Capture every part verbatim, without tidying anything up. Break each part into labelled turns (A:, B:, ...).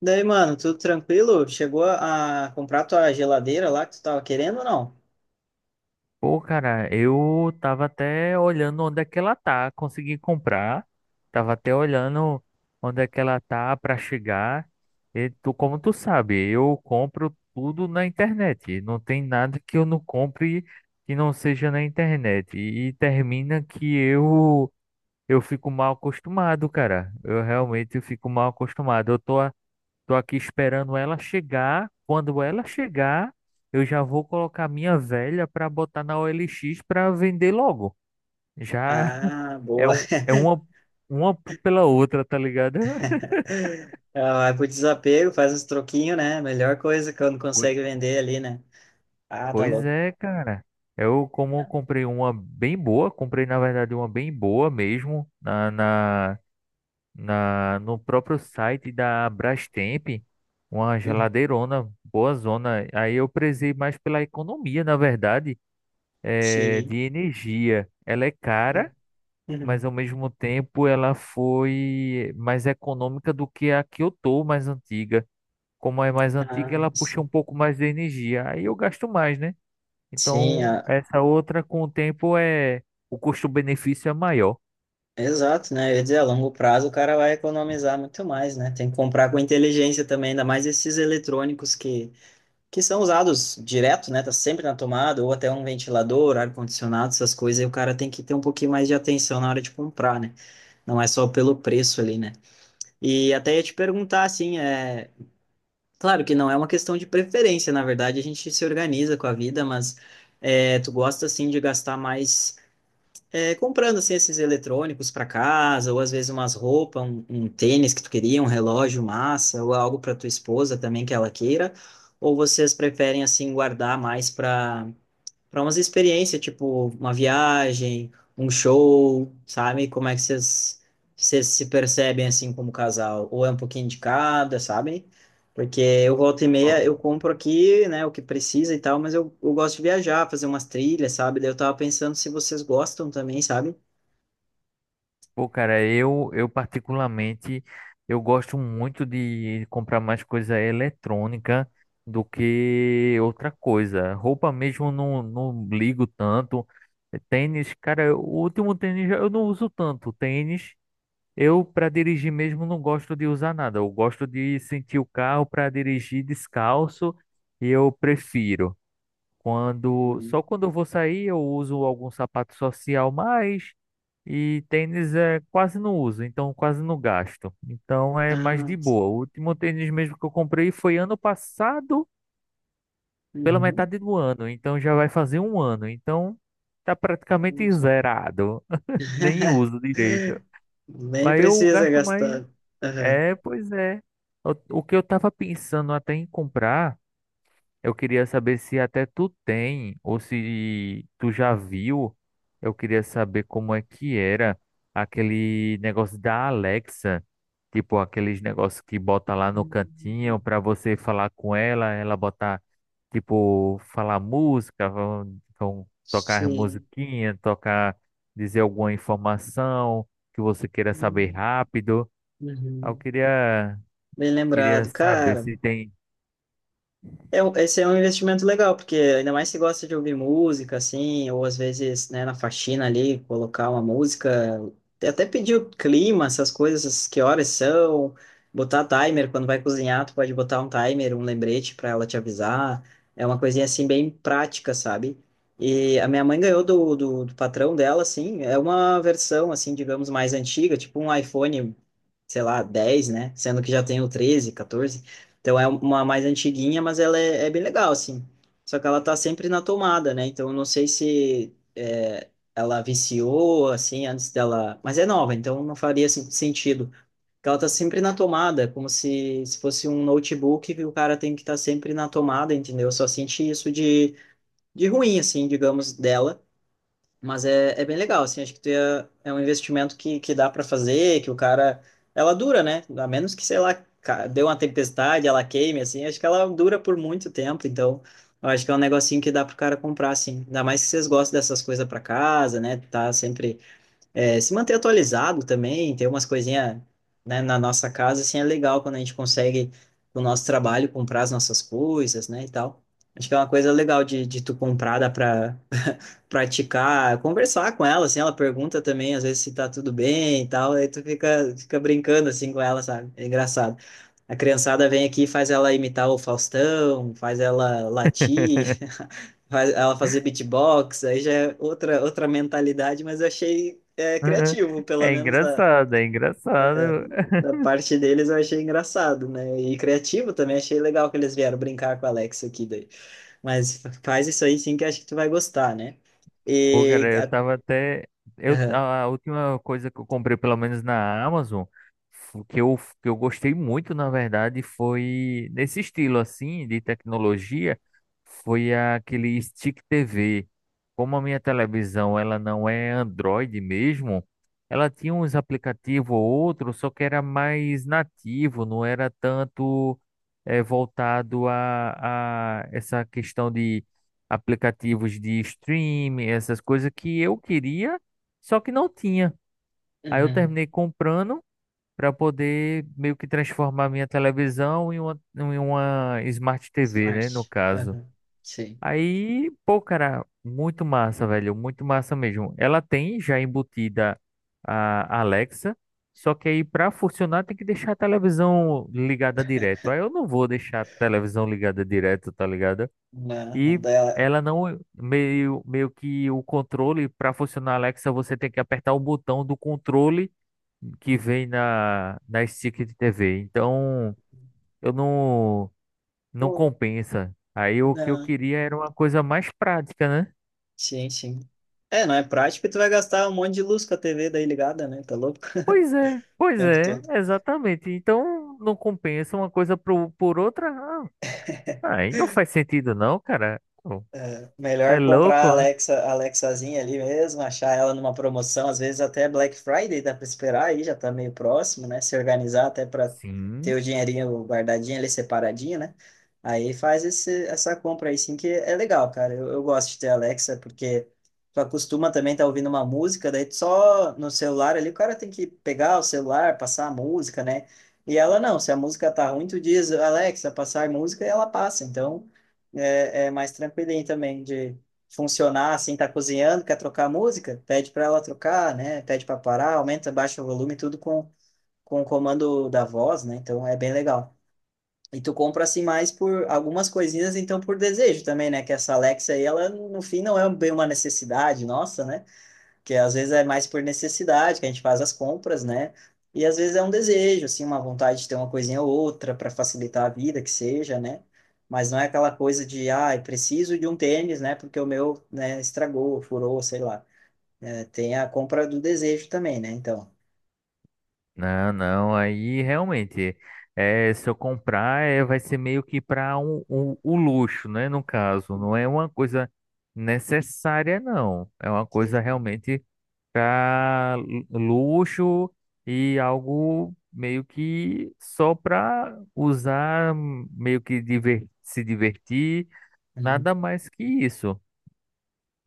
A: Daí, mano, tudo tranquilo? Chegou a a comprar tua geladeira lá que tu tava querendo ou não?
B: Pô, cara, eu tava até olhando onde é que ela tá, consegui comprar. Tava até olhando onde é que ela tá pra chegar. E tu, como tu sabe, eu compro tudo na internet. Não tem nada que eu não compre que não seja na internet. E, termina que eu eu fico mal acostumado, cara. Eu realmente fico mal acostumado. Eu tô Tô aqui esperando ela chegar. Quando ela chegar, eu já vou colocar minha velha para botar na O L X para vender logo. Já
A: Ah,
B: é,
A: boa.
B: um, é uma, uma pela outra, tá ligado?
A: Ah, vai pro desapego, faz uns troquinhos, né? Melhor coisa quando
B: Poi-
A: consegue vender ali, né? Ah, tá
B: Pois
A: louco.
B: é, cara. Eu, como eu comprei uma bem boa, comprei na verdade uma bem boa mesmo na, na, na no próprio site da Brastemp, uma
A: Uhum.
B: geladeirona, boa zona. Aí eu prezei mais pela economia, na verdade. Eh,
A: Sim.
B: de energia. Ela é cara, mas
A: Uhum.
B: ao mesmo tempo ela foi mais econômica do que a que eu tô, mais antiga. Como é mais antiga,
A: Ah,
B: ela puxa
A: sim.
B: um pouco mais de energia. Aí eu gasto mais, né?
A: Sim,
B: Então,
A: ah,
B: essa outra com o tempo é o custo-benefício é maior.
A: exato, né? Eu ia dizer, a longo prazo o cara vai economizar muito mais, né? Tem que comprar com inteligência também, ainda mais esses eletrônicos que que são usados direto, né? Tá sempre na tomada, ou até um ventilador, ar-condicionado, essas coisas, e o cara tem que ter um pouquinho mais de atenção na hora de comprar, né? Não é só pelo preço ali, né? E até ia te perguntar, assim, é. Claro que não é uma questão de preferência, na verdade, a gente se organiza com a vida, mas é, tu gosta, assim, de gastar mais é, comprando assim esses eletrônicos para casa, ou às vezes umas roupas, um, um tênis que tu queria, um relógio massa, ou algo para tua esposa também que ela queira, ou vocês preferem assim guardar mais para para umas experiências, tipo uma viagem, um show, sabe? Como é que vocês vocês se percebem assim como casal? Ou é um pouquinho de cada, sabe? Porque eu volta e meia, eu compro aqui, né, o que precisa e tal, mas eu, eu gosto de viajar, fazer umas trilhas, sabe? Daí eu tava pensando se vocês gostam também, sabe?
B: Pô, cara, eu, eu particularmente, eu gosto muito de comprar mais coisa eletrônica do que outra coisa. Roupa mesmo eu não, não ligo tanto. Tênis, cara, o último tênis eu não uso tanto. Tênis, eu para dirigir mesmo não gosto de usar nada. Eu gosto de sentir o carro para dirigir descalço e eu prefiro. Quando,
A: Hum.
B: só quando eu vou sair eu uso algum sapato social mais e tênis é quase não uso, então quase não gasto. Então é mais
A: Ah,
B: de
A: sim.
B: boa. O último tênis mesmo que eu comprei foi ano passado, pela
A: Uhum.
B: metade do ano, então já vai fazer um ano. Então tá praticamente zerado, nem uso direito.
A: Nem
B: Mas eu
A: precisa
B: gasto mais.
A: gastar. Aham.
B: É, pois é. O, o que eu tava pensando até em comprar. Eu queria saber se até tu tem ou se tu já viu. Eu queria saber como é que era aquele negócio da Alexa, tipo aqueles negócios que bota lá no
A: Hum.
B: cantinho para você falar com ela, ela botar tipo falar música, vão, vão tocar
A: Sim.
B: musiquinha, tocar dizer alguma informação que você queira saber
A: Hum.
B: rápido. Eu
A: Uhum.
B: queria
A: Bem
B: queria
A: lembrado,
B: saber
A: cara.
B: se tem.
A: É, um- esse é um investimento legal, porque ainda mais se gosta de ouvir música, assim, ou às vezes, né, na faxina ali, colocar uma música, até pedir o clima, essas coisas, que horas são, botar timer, quando vai cozinhar, tu pode botar um timer, um lembrete para ela te avisar, é uma coisinha, assim, bem prática, sabe? E a minha mãe ganhou do, do, do patrão dela, assim, é uma versão, assim, digamos, mais antiga, tipo um iPhone sei lá, dez né? Sendo que já tem o treze, catorze. Então é uma mais antiguinha, mas ela é, é bem legal, assim. Só que ela tá sempre na tomada, né? Então eu não sei se é, ela viciou, assim, antes dela. Mas é nova, então não faria assim, sentido. Porque ela tá sempre na tomada, como se, se fosse um notebook que o cara tem que estar sempre na tomada, entendeu? Eu só senti isso de, de ruim, assim, digamos, dela. Mas é, é bem legal, assim, acho que tu ia- é um investimento que, que dá para fazer, que o cara, ela dura, né? A menos que, sei lá, ca- deu uma tempestade, ela queime, assim, acho que ela dura por muito tempo, então eu acho que é um negocinho que dá pro cara comprar, assim. Ainda mais que vocês gostam dessas coisas para casa, né? Tá sempre, é, se manter atualizado também, ter umas coisinhas, né, na nossa casa, assim, é legal quando a gente consegue, com o nosso trabalho, comprar as nossas coisas, né, e tal. Acho que é uma coisa legal de, de tu comprar, dá pra praticar, conversar com ela, assim, ela pergunta também, às vezes, se tá tudo bem e tal, aí tu fica, fica brincando, assim, com ela, sabe? É engraçado. A criançada vem aqui e faz ela imitar o Faustão, faz ela latir, faz ela fazer beatbox, aí já é outra, outra mentalidade, mas eu achei é, criativo, pelo
B: É
A: menos da,
B: engraçado, é engraçado.
A: da parte deles eu achei engraçado, né? E criativo também, achei legal que eles vieram brincar com a Alexa aqui daí. Mas faz isso aí sim que acho que tu vai gostar, né?
B: Pô, cara,
A: E
B: eu tava até. Eu, a a última coisa que eu comprei, pelo menos na Amazon, fu- que eu, que eu gostei muito, na verdade, foi nesse estilo assim, de tecnologia, foi aquele Stick T V. Como a minha televisão ela não é Android mesmo, ela tinha uns aplicativos ou outro, só que era mais nativo, não era tanto eh, voltado a, a essa questão de aplicativos de streaming, essas coisas que eu queria, só que não tinha. Aí eu
A: Uhum.
B: terminei comprando para poder meio que transformar minha televisão em uma, em uma Smart T V, né, no
A: Smart.
B: caso.
A: Uhum. Sim.
B: Aí, pô, cara, muito massa, velho, muito massa mesmo. Ela tem já embutida a Alexa, só que aí para funcionar tem que deixar a televisão ligada direto. Aí eu não vou deixar a televisão ligada direto, tá ligado?
A: Não, não
B: E
A: dá.
B: ela não meio, meio que o controle para funcionar a Alexa, você tem que apertar o botão do controle que vem na na stick de T V. Então, eu não não
A: Pô,
B: compensa. Aí o que eu
A: não.
B: queria era uma coisa mais prática, né?
A: Sim, sim. É, não é prático e tu vai gastar um monte de luz com a T V daí ligada, né? Tá louco?
B: Pois é,
A: O
B: pois
A: tempo
B: é,
A: todo.
B: exatamente. Então, não compensa uma coisa pro, por outra. Ah, aí não faz sentido não, cara. Pô,
A: É,
B: tá é
A: melhor comprar a
B: louco? Né?
A: Alexa, a Alexazinha ali mesmo, achar ela numa promoção, às vezes até Black Friday dá para esperar aí, já tá meio próximo, né? Se organizar até para ter
B: Sim.
A: o dinheirinho guardadinho ali separadinho, né? Aí faz esse, essa compra aí sim, que é legal, cara. Eu, eu gosto de ter a Alexa, porque tu acostuma também estar tá ouvindo uma música, daí tu só no celular ali o cara tem que pegar o celular, passar a música, né? E ela não, se a música tá ruim, tu diz, Alexa, passar música, e ela passa. Então, é, é mais tranquilinho também de funcionar assim, tá cozinhando, quer trocar a música, pede para ela trocar, né? Pede para parar, aumenta, baixa o volume, tudo com, com o comando da voz, né? Então é bem legal. E tu compra assim mais por algumas coisinhas, então por desejo também, né? Que essa Alexa aí, ela no fim não é bem uma necessidade nossa, né? Que às vezes é mais por necessidade que a gente faz as compras, né? E às vezes é um desejo, assim, uma vontade de ter uma coisinha ou outra para facilitar a vida, que seja, né? Mas não é aquela coisa de, ah, eu preciso de um tênis, né? Porque o meu, né, estragou, furou, sei lá. É, tem a compra do desejo também, né? Então,
B: Não, não, aí realmente, é, se eu comprar, é, vai ser meio que para um, um- o luxo, né? No caso, não é uma coisa necessária, não. É uma coisa
A: sim.
B: realmente para luxo e algo meio que só para usar, meio que diver- se divertir, nada mais que isso.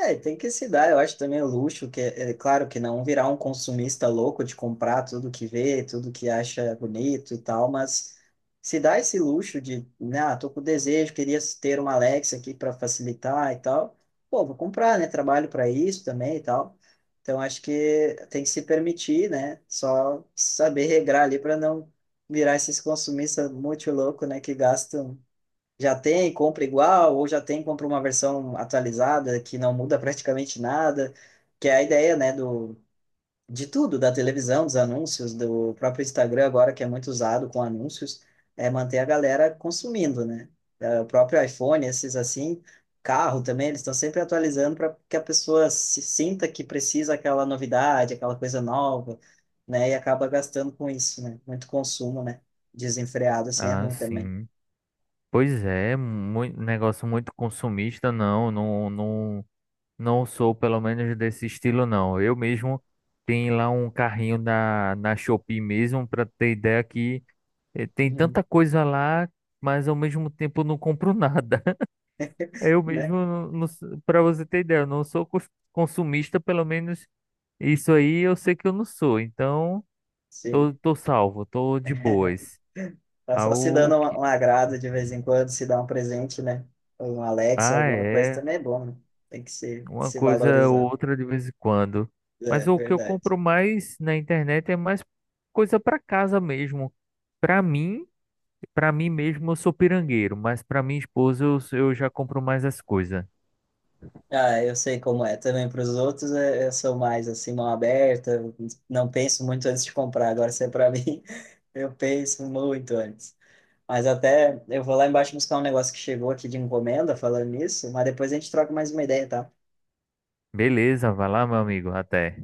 A: É, tem que se dar, eu acho também o luxo, que é, é claro que não virar um consumista louco de comprar tudo que vê, tudo que acha bonito e tal, mas se dá esse luxo de, né, ah, tô com desejo, queria ter uma Alexa aqui para facilitar e tal, pô, vou comprar, né, trabalho para isso também e tal. Então acho que tem que se permitir, né, só saber regrar ali para não virar esses consumistas muito louco, né, que gastam já tem, compra igual, ou já tem, compra uma versão atualizada que não muda praticamente nada, que é a ideia, né, do, de tudo, da televisão, dos anúncios, do próprio Instagram agora, que é muito usado com anúncios, é manter a galera consumindo, né? É, o próprio iPhone, esses assim, carro também, eles estão sempre atualizando para que a pessoa se sinta que precisa aquela novidade, aquela coisa nova, né? E acaba gastando com isso, né? Muito consumo, né? Desenfreado, assim, é
B: Ah,
A: ruim também.
B: sim. Pois é, mui- negócio muito consumista, não, não, não. Não sou, pelo menos, desse estilo, não. Eu mesmo tenho lá um carrinho na, na Shopee mesmo, para ter ideia que eh, tem
A: Uhum.
B: tanta coisa lá, mas ao mesmo tempo eu não compro nada. Eu mesmo,
A: Né?
B: para você ter ideia, eu não sou cos- consumista, pelo menos isso aí eu sei que eu não sou. Então,
A: Sim.
B: tô, tô salvo, tô de boas.
A: Tá
B: Ah,
A: só se
B: o
A: dando um,
B: que...
A: um agrado de vez em quando, se dar um presente, né? Ou um Alexa,
B: ah,
A: alguma coisa
B: é.
A: também é bom, né? Tem que se,
B: Uma
A: se
B: coisa ou
A: valorizar.
B: outra de vez em quando.
A: É,
B: Mas o que eu
A: verdade.
B: compro mais na internet é mais coisa para casa mesmo. Para mim, para mim mesmo, eu sou pirangueiro, mas para minha esposa eu, eu já compro mais as coisas.
A: Ah, eu sei como é. Também para os outros, é- eu sou mais assim, mão aberta, não penso muito antes de comprar. Agora, se é para mim, eu penso muito antes. Mas até eu vou lá embaixo buscar um negócio que chegou aqui de encomenda, falando nisso, mas depois a gente troca mais uma ideia, tá?
B: Beleza, vai lá, meu amigo. Até.